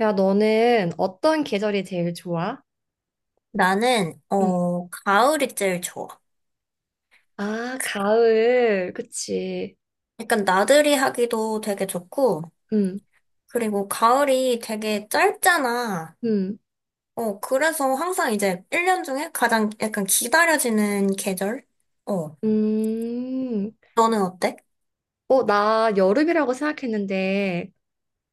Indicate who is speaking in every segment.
Speaker 1: 야, 너는 어떤 계절이 제일 좋아?
Speaker 2: 나는,
Speaker 1: 응.
Speaker 2: 가을이 제일 좋아.
Speaker 1: 아, 가을. 그치.
Speaker 2: 약간 나들이 하기도 되게 좋고,
Speaker 1: 응,
Speaker 2: 그리고 가을이 되게 짧잖아.
Speaker 1: 응,
Speaker 2: 그래서 항상 이제 1년 중에 가장 약간 기다려지는 계절? 어,
Speaker 1: 음.
Speaker 2: 너는 어때?
Speaker 1: 어, 나 여름이라고 생각했는데,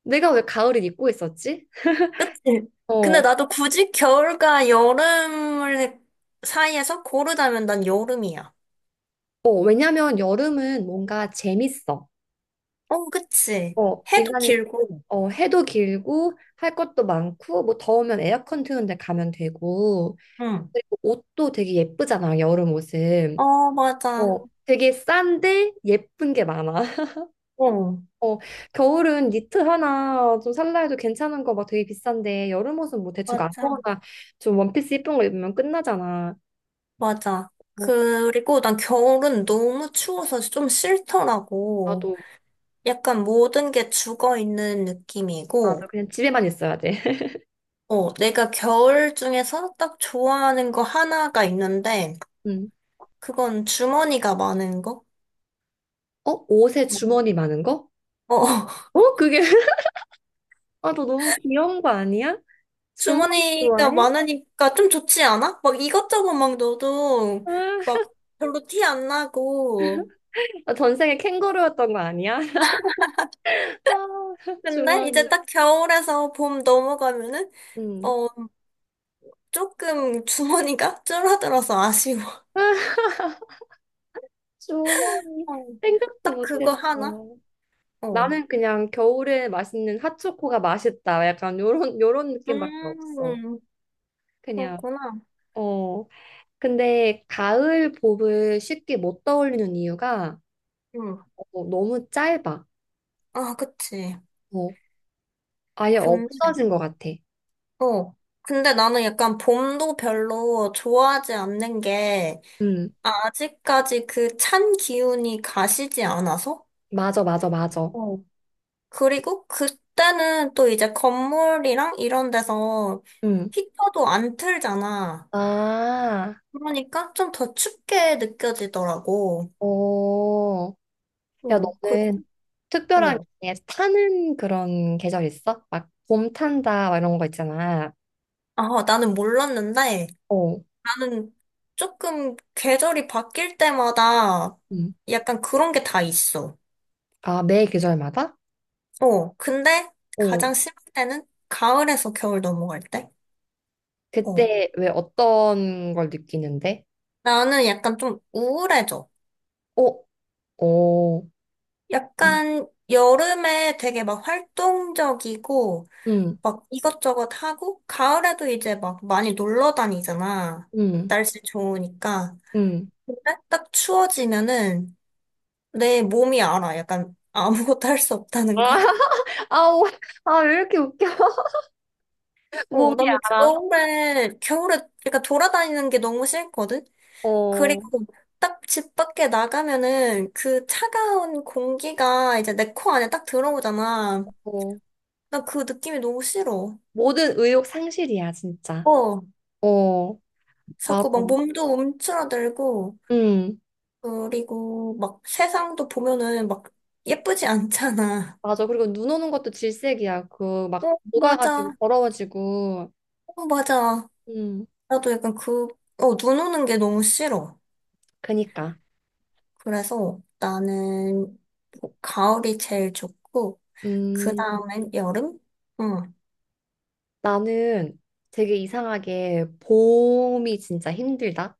Speaker 1: 내가 왜 가을을 입고 있었지?
Speaker 2: 그치? 근데
Speaker 1: 어,
Speaker 2: 나도 굳이 겨울과 여름을 사이에서 고르자면 난 여름이야.
Speaker 1: 어, 왜냐면 여름은 뭔가 재밌어.
Speaker 2: 어, 그치.
Speaker 1: 어,
Speaker 2: 해도
Speaker 1: 일단,
Speaker 2: 길고.
Speaker 1: 어, 해도 길고, 할 것도 많고, 뭐 더우면 에어컨 트는 데 가면 되고,
Speaker 2: 응.
Speaker 1: 그리고 옷도 되게 예쁘잖아, 여름 옷은.
Speaker 2: 어, 맞아.
Speaker 1: 어, 되게 싼데 예쁜 게 많아.
Speaker 2: 어,
Speaker 1: 어, 겨울은 니트 하나 좀 살라 해도 괜찮은 거 막 되게 비싼데 여름 옷은 뭐 대충
Speaker 2: 맞아.
Speaker 1: 아무거나 좀 원피스 예쁜 거 입으면 끝나잖아.
Speaker 2: 맞아.
Speaker 1: 뭐
Speaker 2: 그리고 난 겨울은 너무 추워서 좀 싫더라고.
Speaker 1: 나도
Speaker 2: 약간 모든 게 죽어 있는 느낌이고,
Speaker 1: 나도 그냥 집에만 있어야 돼.
Speaker 2: 내가 겨울 중에서 딱 좋아하는 거 하나가 있는데,
Speaker 1: 음.
Speaker 2: 그건 주머니가 많은 거?
Speaker 1: 어, 옷에
Speaker 2: 어,
Speaker 1: 주머니 많은 거? 어, 그게 아, 너 너무 귀여운 거 아니야? 주머니
Speaker 2: 주머니가
Speaker 1: 좋아해?
Speaker 2: 많으니까 좀 좋지 않아? 막 이것저것 막 넣어도
Speaker 1: 아,
Speaker 2: 막 별로 티 안 나고.
Speaker 1: 나 전생에 캥거루였던 거 아니야? 아,
Speaker 2: 근데
Speaker 1: 주머니.
Speaker 2: 이제 딱 겨울에서 봄 넘어가면은,
Speaker 1: 음.
Speaker 2: 어, 조금 주머니가 줄어들어서 아쉬워.
Speaker 1: 아, 주머니
Speaker 2: 어,
Speaker 1: 생각도
Speaker 2: 딱 그거
Speaker 1: 못했어.
Speaker 2: 하나? 어.
Speaker 1: 나는 그냥 겨울에 맛있는 핫초코가 맛있다. 약간 요런 요런 느낌밖에 없어.
Speaker 2: 음,
Speaker 1: 그냥
Speaker 2: 그렇구나.
Speaker 1: 어. 근데 가을 봄을 쉽게 못 떠올리는 이유가
Speaker 2: 응.
Speaker 1: 어, 너무 짧아.
Speaker 2: 아, 그치.
Speaker 1: 어, 아예
Speaker 2: 근데,
Speaker 1: 없어진 것 같아.
Speaker 2: 어. 근데 나는 약간 봄도 별로 좋아하지 않는 게
Speaker 1: 음,
Speaker 2: 아직까지 그 찬 기운이 가시지 않아서?
Speaker 1: 맞아, 맞아, 맞아.
Speaker 2: 어. 그리고 그때는 또 이제 건물이랑 이런 데서
Speaker 1: 음.
Speaker 2: 히터도 안 틀잖아.
Speaker 1: 아,
Speaker 2: 그러니까 좀 더 춥게 느껴지더라고.
Speaker 1: 어. 야,
Speaker 2: 어,
Speaker 1: 너는 특별한
Speaker 2: 어,
Speaker 1: 게 타는 그런 계절 있어? 막 봄 탄다, 막 이런 거 있잖아.
Speaker 2: 아, 나는 몰랐는데
Speaker 1: 어.
Speaker 2: 나는 조금 계절이 바뀔 때마다
Speaker 1: 음.
Speaker 2: 약간 그런 게 다 있어.
Speaker 1: 아, 매 계절마다?
Speaker 2: 어, 근데
Speaker 1: 어.
Speaker 2: 가장 심할 때는 가을에서 겨울 넘어갈 때? 어,
Speaker 1: 그때 왜 어떤 걸 느끼는데?
Speaker 2: 나는 약간 좀 우울해져.
Speaker 1: 어, 어,
Speaker 2: 약간 여름에 되게 막 활동적이고
Speaker 1: 응,
Speaker 2: 막 이것저것 하고 가을에도 이제 막 많이 놀러 다니잖아.
Speaker 1: 응,
Speaker 2: 날씨 좋으니까.
Speaker 1: 응.
Speaker 2: 근데 딱 추워지면은 내 몸이 알아. 약간 아무것도 할 수 없다는 걸.
Speaker 1: 아우, 아, 왜 이렇게 웃겨? 몸이
Speaker 2: 나는
Speaker 1: 알아.
Speaker 2: 겨울에, 그러니까 돌아다니는 게 너무 싫거든?
Speaker 1: 어, 어.
Speaker 2: 그리고 딱 집 밖에 나가면은 그 차가운 공기가 이제 내 코 안에 딱 들어오잖아. 나 그 느낌이 너무 싫어.
Speaker 1: 모든 의욕 상실이야, 진짜.
Speaker 2: 어,
Speaker 1: 어, 맞아.
Speaker 2: 자꾸 막 몸도 움츠러들고,
Speaker 1: 응,
Speaker 2: 그리고 막 세상도 보면은 막 예쁘지 않잖아.
Speaker 1: 맞아. 그리고 눈 오는 것도 질색이야. 그, 막,
Speaker 2: 어,
Speaker 1: 녹아가지고,
Speaker 2: 맞아.
Speaker 1: 더러워지고.
Speaker 2: 어, 맞아.
Speaker 1: 음,
Speaker 2: 나도 약간 그, 눈 오는 게 너무 싫어.
Speaker 1: 그니까.
Speaker 2: 그래서 나는 가을이 제일 좋고, 그
Speaker 1: 음,
Speaker 2: 다음엔 여름? 응.
Speaker 1: 나는 되게 이상하게 봄이 진짜 힘들다.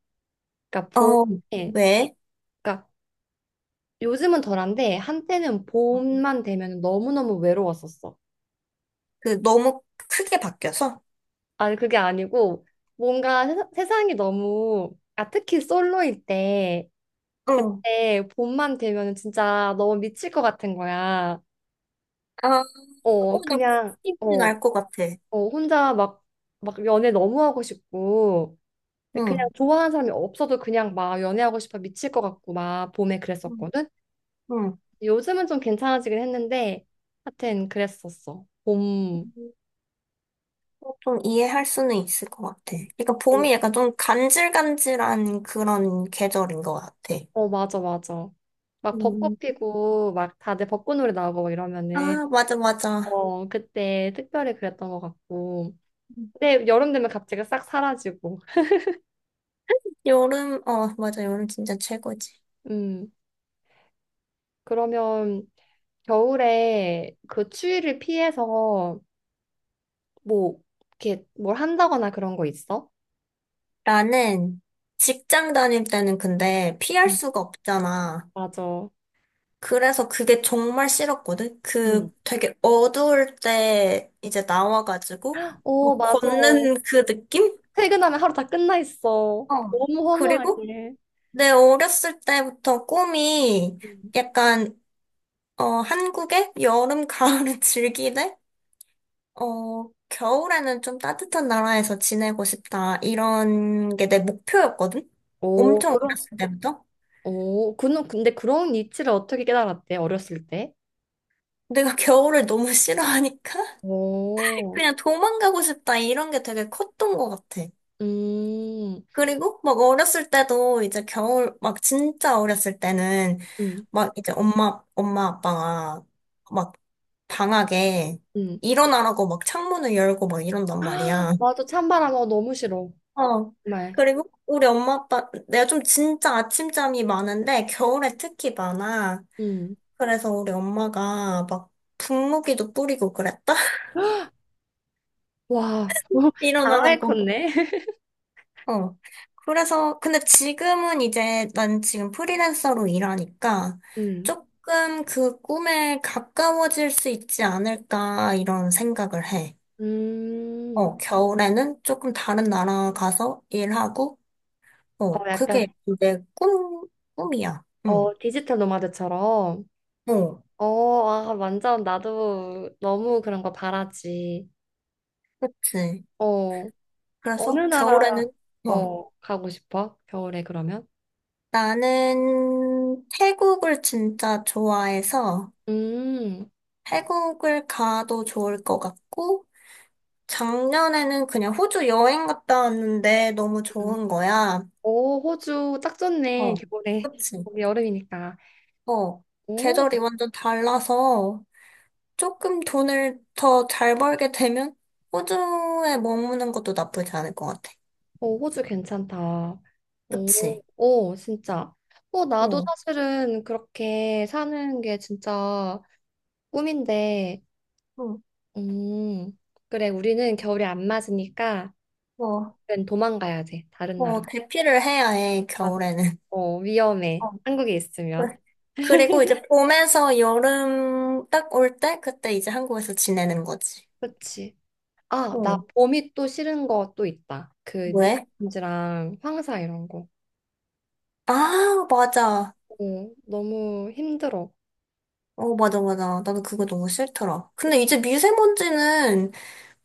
Speaker 1: 그러니까
Speaker 2: 어,
Speaker 1: 봄에,
Speaker 2: 왜?
Speaker 1: 그러니까 요즘은 덜한데 한때는 봄만 되면 너무너무 외로웠었어.
Speaker 2: 그 너무 크게 바뀌어서?
Speaker 1: 아니 그게 아니고 뭔가 세상이 너무 아 특히 솔로일 때
Speaker 2: 응.
Speaker 1: 그때 봄만 되면 진짜 너무 미칠 것 같은 거야.
Speaker 2: 아,
Speaker 1: 어
Speaker 2: 어, 나
Speaker 1: 그냥
Speaker 2: 무슨
Speaker 1: 어,
Speaker 2: 알것 같아.
Speaker 1: 어 혼자 막 막 연애 너무 하고 싶고 근데 그냥
Speaker 2: 응.
Speaker 1: 좋아하는 사람이 없어도 그냥 막 연애하고 싶어 미칠 것 같고 막 봄에
Speaker 2: 응.
Speaker 1: 그랬었거든.
Speaker 2: 응.
Speaker 1: 요즘은 좀 괜찮아지긴 했는데 하여튼 그랬었어. 봄
Speaker 2: 어, 좀 이해할 수는 있을 것 같아. 그러니까
Speaker 1: 어,
Speaker 2: 봄이 약간 좀 간질간질한 그런 계절인 것 같아.
Speaker 1: 어, 맞아, 맞아. 막
Speaker 2: 음.
Speaker 1: 벚꽃 피고, 막 다들 벚꽃 노래 나오고 막 이러면은,
Speaker 2: 아, 맞아, 맞아.
Speaker 1: 어, 그때 특별히 그랬던 것 같고. 근데 여름 되면 갑자기 싹 사라지고.
Speaker 2: 여름, 어, 맞아. 여름 진짜 최고지.
Speaker 1: 음, 그러면 겨울에 그 추위를 피해서 뭐, 이렇게 뭘 한다거나 그런 거 있어?
Speaker 2: 나는 직장 다닐 때는 근데 피할
Speaker 1: 응
Speaker 2: 수가 없잖아.
Speaker 1: 맞아.
Speaker 2: 그래서 그게 정말 싫었거든? 그
Speaker 1: 응
Speaker 2: 되게 어두울 때 이제 나와가지고, 뭐
Speaker 1: 오, 맞아.
Speaker 2: 걷는 그 느낌?
Speaker 1: 퇴근하면 하루 다 끝나 있어.
Speaker 2: 어.
Speaker 1: 너무
Speaker 2: 그리고
Speaker 1: 허무하게.
Speaker 2: 내 어렸을 때부터 꿈이
Speaker 1: 응
Speaker 2: 약간, 어, 한국의 여름, 가을을 즐기되, 겨울에는 좀 따뜻한 나라에서 지내고 싶다. 이런 게 내 목표였거든?
Speaker 1: 오,
Speaker 2: 엄청
Speaker 1: 그런,
Speaker 2: 어렸을 때부터.
Speaker 1: 오, 그, 근데 그런 이치를 어떻게 깨달았대, 어렸을 때?
Speaker 2: 내가 겨울을 너무 싫어하니까
Speaker 1: 오,
Speaker 2: 그냥 도망가고 싶다 이런 게 되게 컸던 것 같아.
Speaker 1: 음,
Speaker 2: 그리고 막 어렸을 때도 이제 겨울 막 진짜 어렸을 때는
Speaker 1: 음,
Speaker 2: 막 이제 엄마 아빠가 막 방학에
Speaker 1: 음.
Speaker 2: 일어나라고 막 창문을 열고 막 이런단
Speaker 1: 아,
Speaker 2: 말이야.
Speaker 1: 맞아. 찬바람, 어, 너무 싫어.
Speaker 2: 어.
Speaker 1: 정말.
Speaker 2: 그리고 우리 엄마 아빠 내가 좀 진짜 아침잠이 많은데 겨울에 특히 많아.
Speaker 1: 음.
Speaker 2: 그래서 우리 엄마가 막 분무기도 뿌리고 그랬다.
Speaker 1: 와, 너무 강하게
Speaker 2: 일어나라고.
Speaker 1: 컸네.
Speaker 2: 어. 그래서, 근데 지금은 이제 난 지금 프리랜서로 일하니까
Speaker 1: 음,
Speaker 2: 조금 그 꿈에 가까워질 수 있지 않을까 이런 생각을 해.
Speaker 1: 음.
Speaker 2: 어, 겨울에는 조금 다른 나라 가서 일하고,
Speaker 1: 어,
Speaker 2: 그게
Speaker 1: 약간,
Speaker 2: 내 꿈이야. 응,
Speaker 1: 어, 디지털 노마드처럼.
Speaker 2: 어,
Speaker 1: 어, 아, 완전 나도 너무 그런 거 바라지.
Speaker 2: 그치.
Speaker 1: 어, 어느
Speaker 2: 그래서
Speaker 1: 나라,
Speaker 2: 겨울에는, 어,
Speaker 1: 어, 가고 싶어? 겨울에 그러면?
Speaker 2: 나는 태국을 진짜 좋아해서
Speaker 1: 음,
Speaker 2: 태국을 가도 좋을 것 같고, 작년에는 그냥 호주 여행 갔다 왔는데 너무
Speaker 1: 음.
Speaker 2: 좋은 거야.
Speaker 1: 오, 호주 딱 좋네.
Speaker 2: 어,
Speaker 1: 겨울에.
Speaker 2: 그치.
Speaker 1: 거기 여름이니까.
Speaker 2: 어,
Speaker 1: 오.
Speaker 2: 계절이 완전 달라서 조금 돈을 더 잘 벌게 되면 호주에 머무는 것도 나쁘지 않을 것 같아.
Speaker 1: 어, 호주 괜찮다. 오,
Speaker 2: 그치.
Speaker 1: 오, 진짜. 어, 나도
Speaker 2: 어,
Speaker 1: 사실은 그렇게 사는 게 진짜 꿈인데,
Speaker 2: 어,
Speaker 1: 음, 그래, 우리는 겨울이 안 맞으니까,
Speaker 2: 어,
Speaker 1: 그 도망가야 돼, 다른 나라.
Speaker 2: 어, 대피를 해야 해,
Speaker 1: 맞아.
Speaker 2: 겨울에는.
Speaker 1: 어, 위험해.
Speaker 2: 어,
Speaker 1: 한국에
Speaker 2: 그-
Speaker 1: 있으면.
Speaker 2: 그리고 이제 봄에서 여름 딱 올 때, 그때 이제 한국에서 지내는 거지.
Speaker 1: 그치. 아, 나
Speaker 2: 어,
Speaker 1: 봄이 또 싫은 거 또 있다. 그
Speaker 2: 왜?
Speaker 1: 미세먼지랑 황사 이런 거.
Speaker 2: 아, 맞아.
Speaker 1: 오 너무 힘들어.
Speaker 2: 어, 맞아, 맞아. 나도 그거 너무 싫더라.
Speaker 1: 그,
Speaker 2: 근데 이제 미세먼지는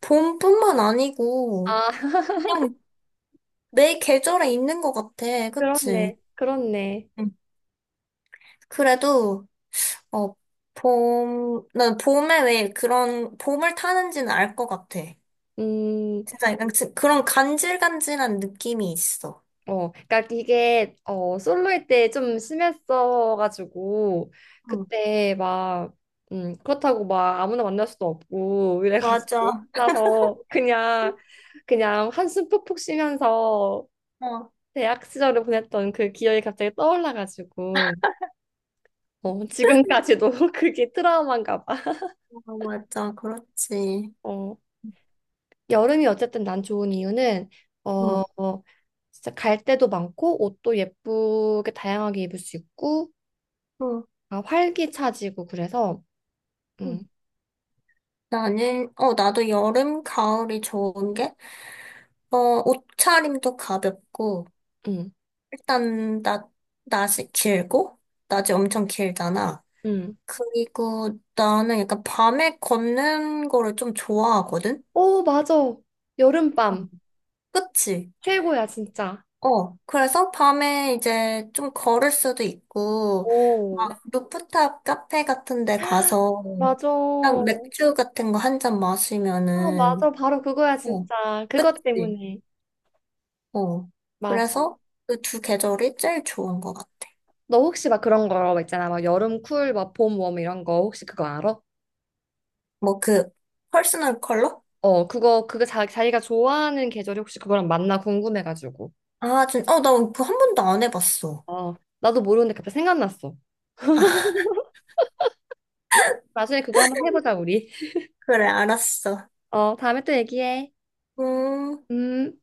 Speaker 2: 봄뿐만 아니고
Speaker 1: 아,
Speaker 2: 그냥 매 계절에 있는 것 같아. 그치?
Speaker 1: 그렇네. 그렇네.
Speaker 2: 응. 그래도, 어, 봄, 난 봄에 왜 그런, 봄을 타는지는 알 것 같아.
Speaker 1: 음.
Speaker 2: 진짜 약간 그런 간질간질한 느낌이 있어.
Speaker 1: 어, 그러니까 이게 어 솔로일 때 좀 심했어가지고
Speaker 2: 응,
Speaker 1: 그때 막 그렇다고 막 아무나 만날 수도 없고 이래가지고
Speaker 2: 맞아.
Speaker 1: 혼자서 그냥 그냥 한숨 푹푹 쉬면서
Speaker 2: 어, 어,
Speaker 1: 대학 시절을 보냈던 그 기억이 갑자기 떠올라가지고 어, 지금까지도 그게 트라우마인가 봐.
Speaker 2: 맞아. 그렇지.
Speaker 1: 어, 여름이 어쨌든 난 좋은 이유는 어,
Speaker 2: 응,
Speaker 1: 어, 진짜 갈 데도 많고 옷도 예쁘게 다양하게 입을 수 있고
Speaker 2: 응,
Speaker 1: 아, 활기차지고 그래서
Speaker 2: 응.
Speaker 1: 음,
Speaker 2: 나는, 어, 나도 여름, 가을이 좋은 게 어, 옷차림도 가볍고,
Speaker 1: 음,
Speaker 2: 일단, 낮, 낮이 길고, 낮이 엄청 길잖아.
Speaker 1: 음.
Speaker 2: 그리고 나는 약간 밤에 걷는 거를 좀 좋아하거든?
Speaker 1: 오, 맞아.
Speaker 2: 어.
Speaker 1: 여름밤
Speaker 2: 그치?
Speaker 1: 최고야, 진짜.
Speaker 2: 어, 그래서 밤에 이제 좀 걸을 수도 있고,
Speaker 1: 오,
Speaker 2: 막 루프탑 카페 같은 데 가서,
Speaker 1: 맞아.
Speaker 2: 딱 맥주 같은 거 한 잔
Speaker 1: 아,
Speaker 2: 마시면은,
Speaker 1: 맞아. 바로 그거야,
Speaker 2: 어,
Speaker 1: 진짜. 그것
Speaker 2: 그치?
Speaker 1: 때문에.
Speaker 2: 어.
Speaker 1: 맞아.
Speaker 2: 그래서 그 두 계절이 제일 좋은 것 같아.
Speaker 1: 너 혹시 막 그런 거 있잖아. 막 여름 쿨, 막 봄 웜 이런 거 혹시 그거 알아?
Speaker 2: 뭐 그 퍼스널 컬러?
Speaker 1: 어, 그거 그거 자기가 좋아하는 계절이 혹시 그거랑 맞나 궁금해가지고.
Speaker 2: 아, 진, 어, 나 그거 한 번도 안 해봤어.
Speaker 1: 어, 나도 모르는데 갑자기 생각났어.
Speaker 2: 아,
Speaker 1: 나중에 그거 한번 해보자, 우리.
Speaker 2: 그래, 알았어.
Speaker 1: 어, 다음에 또 얘기해.
Speaker 2: 음.
Speaker 1: 음.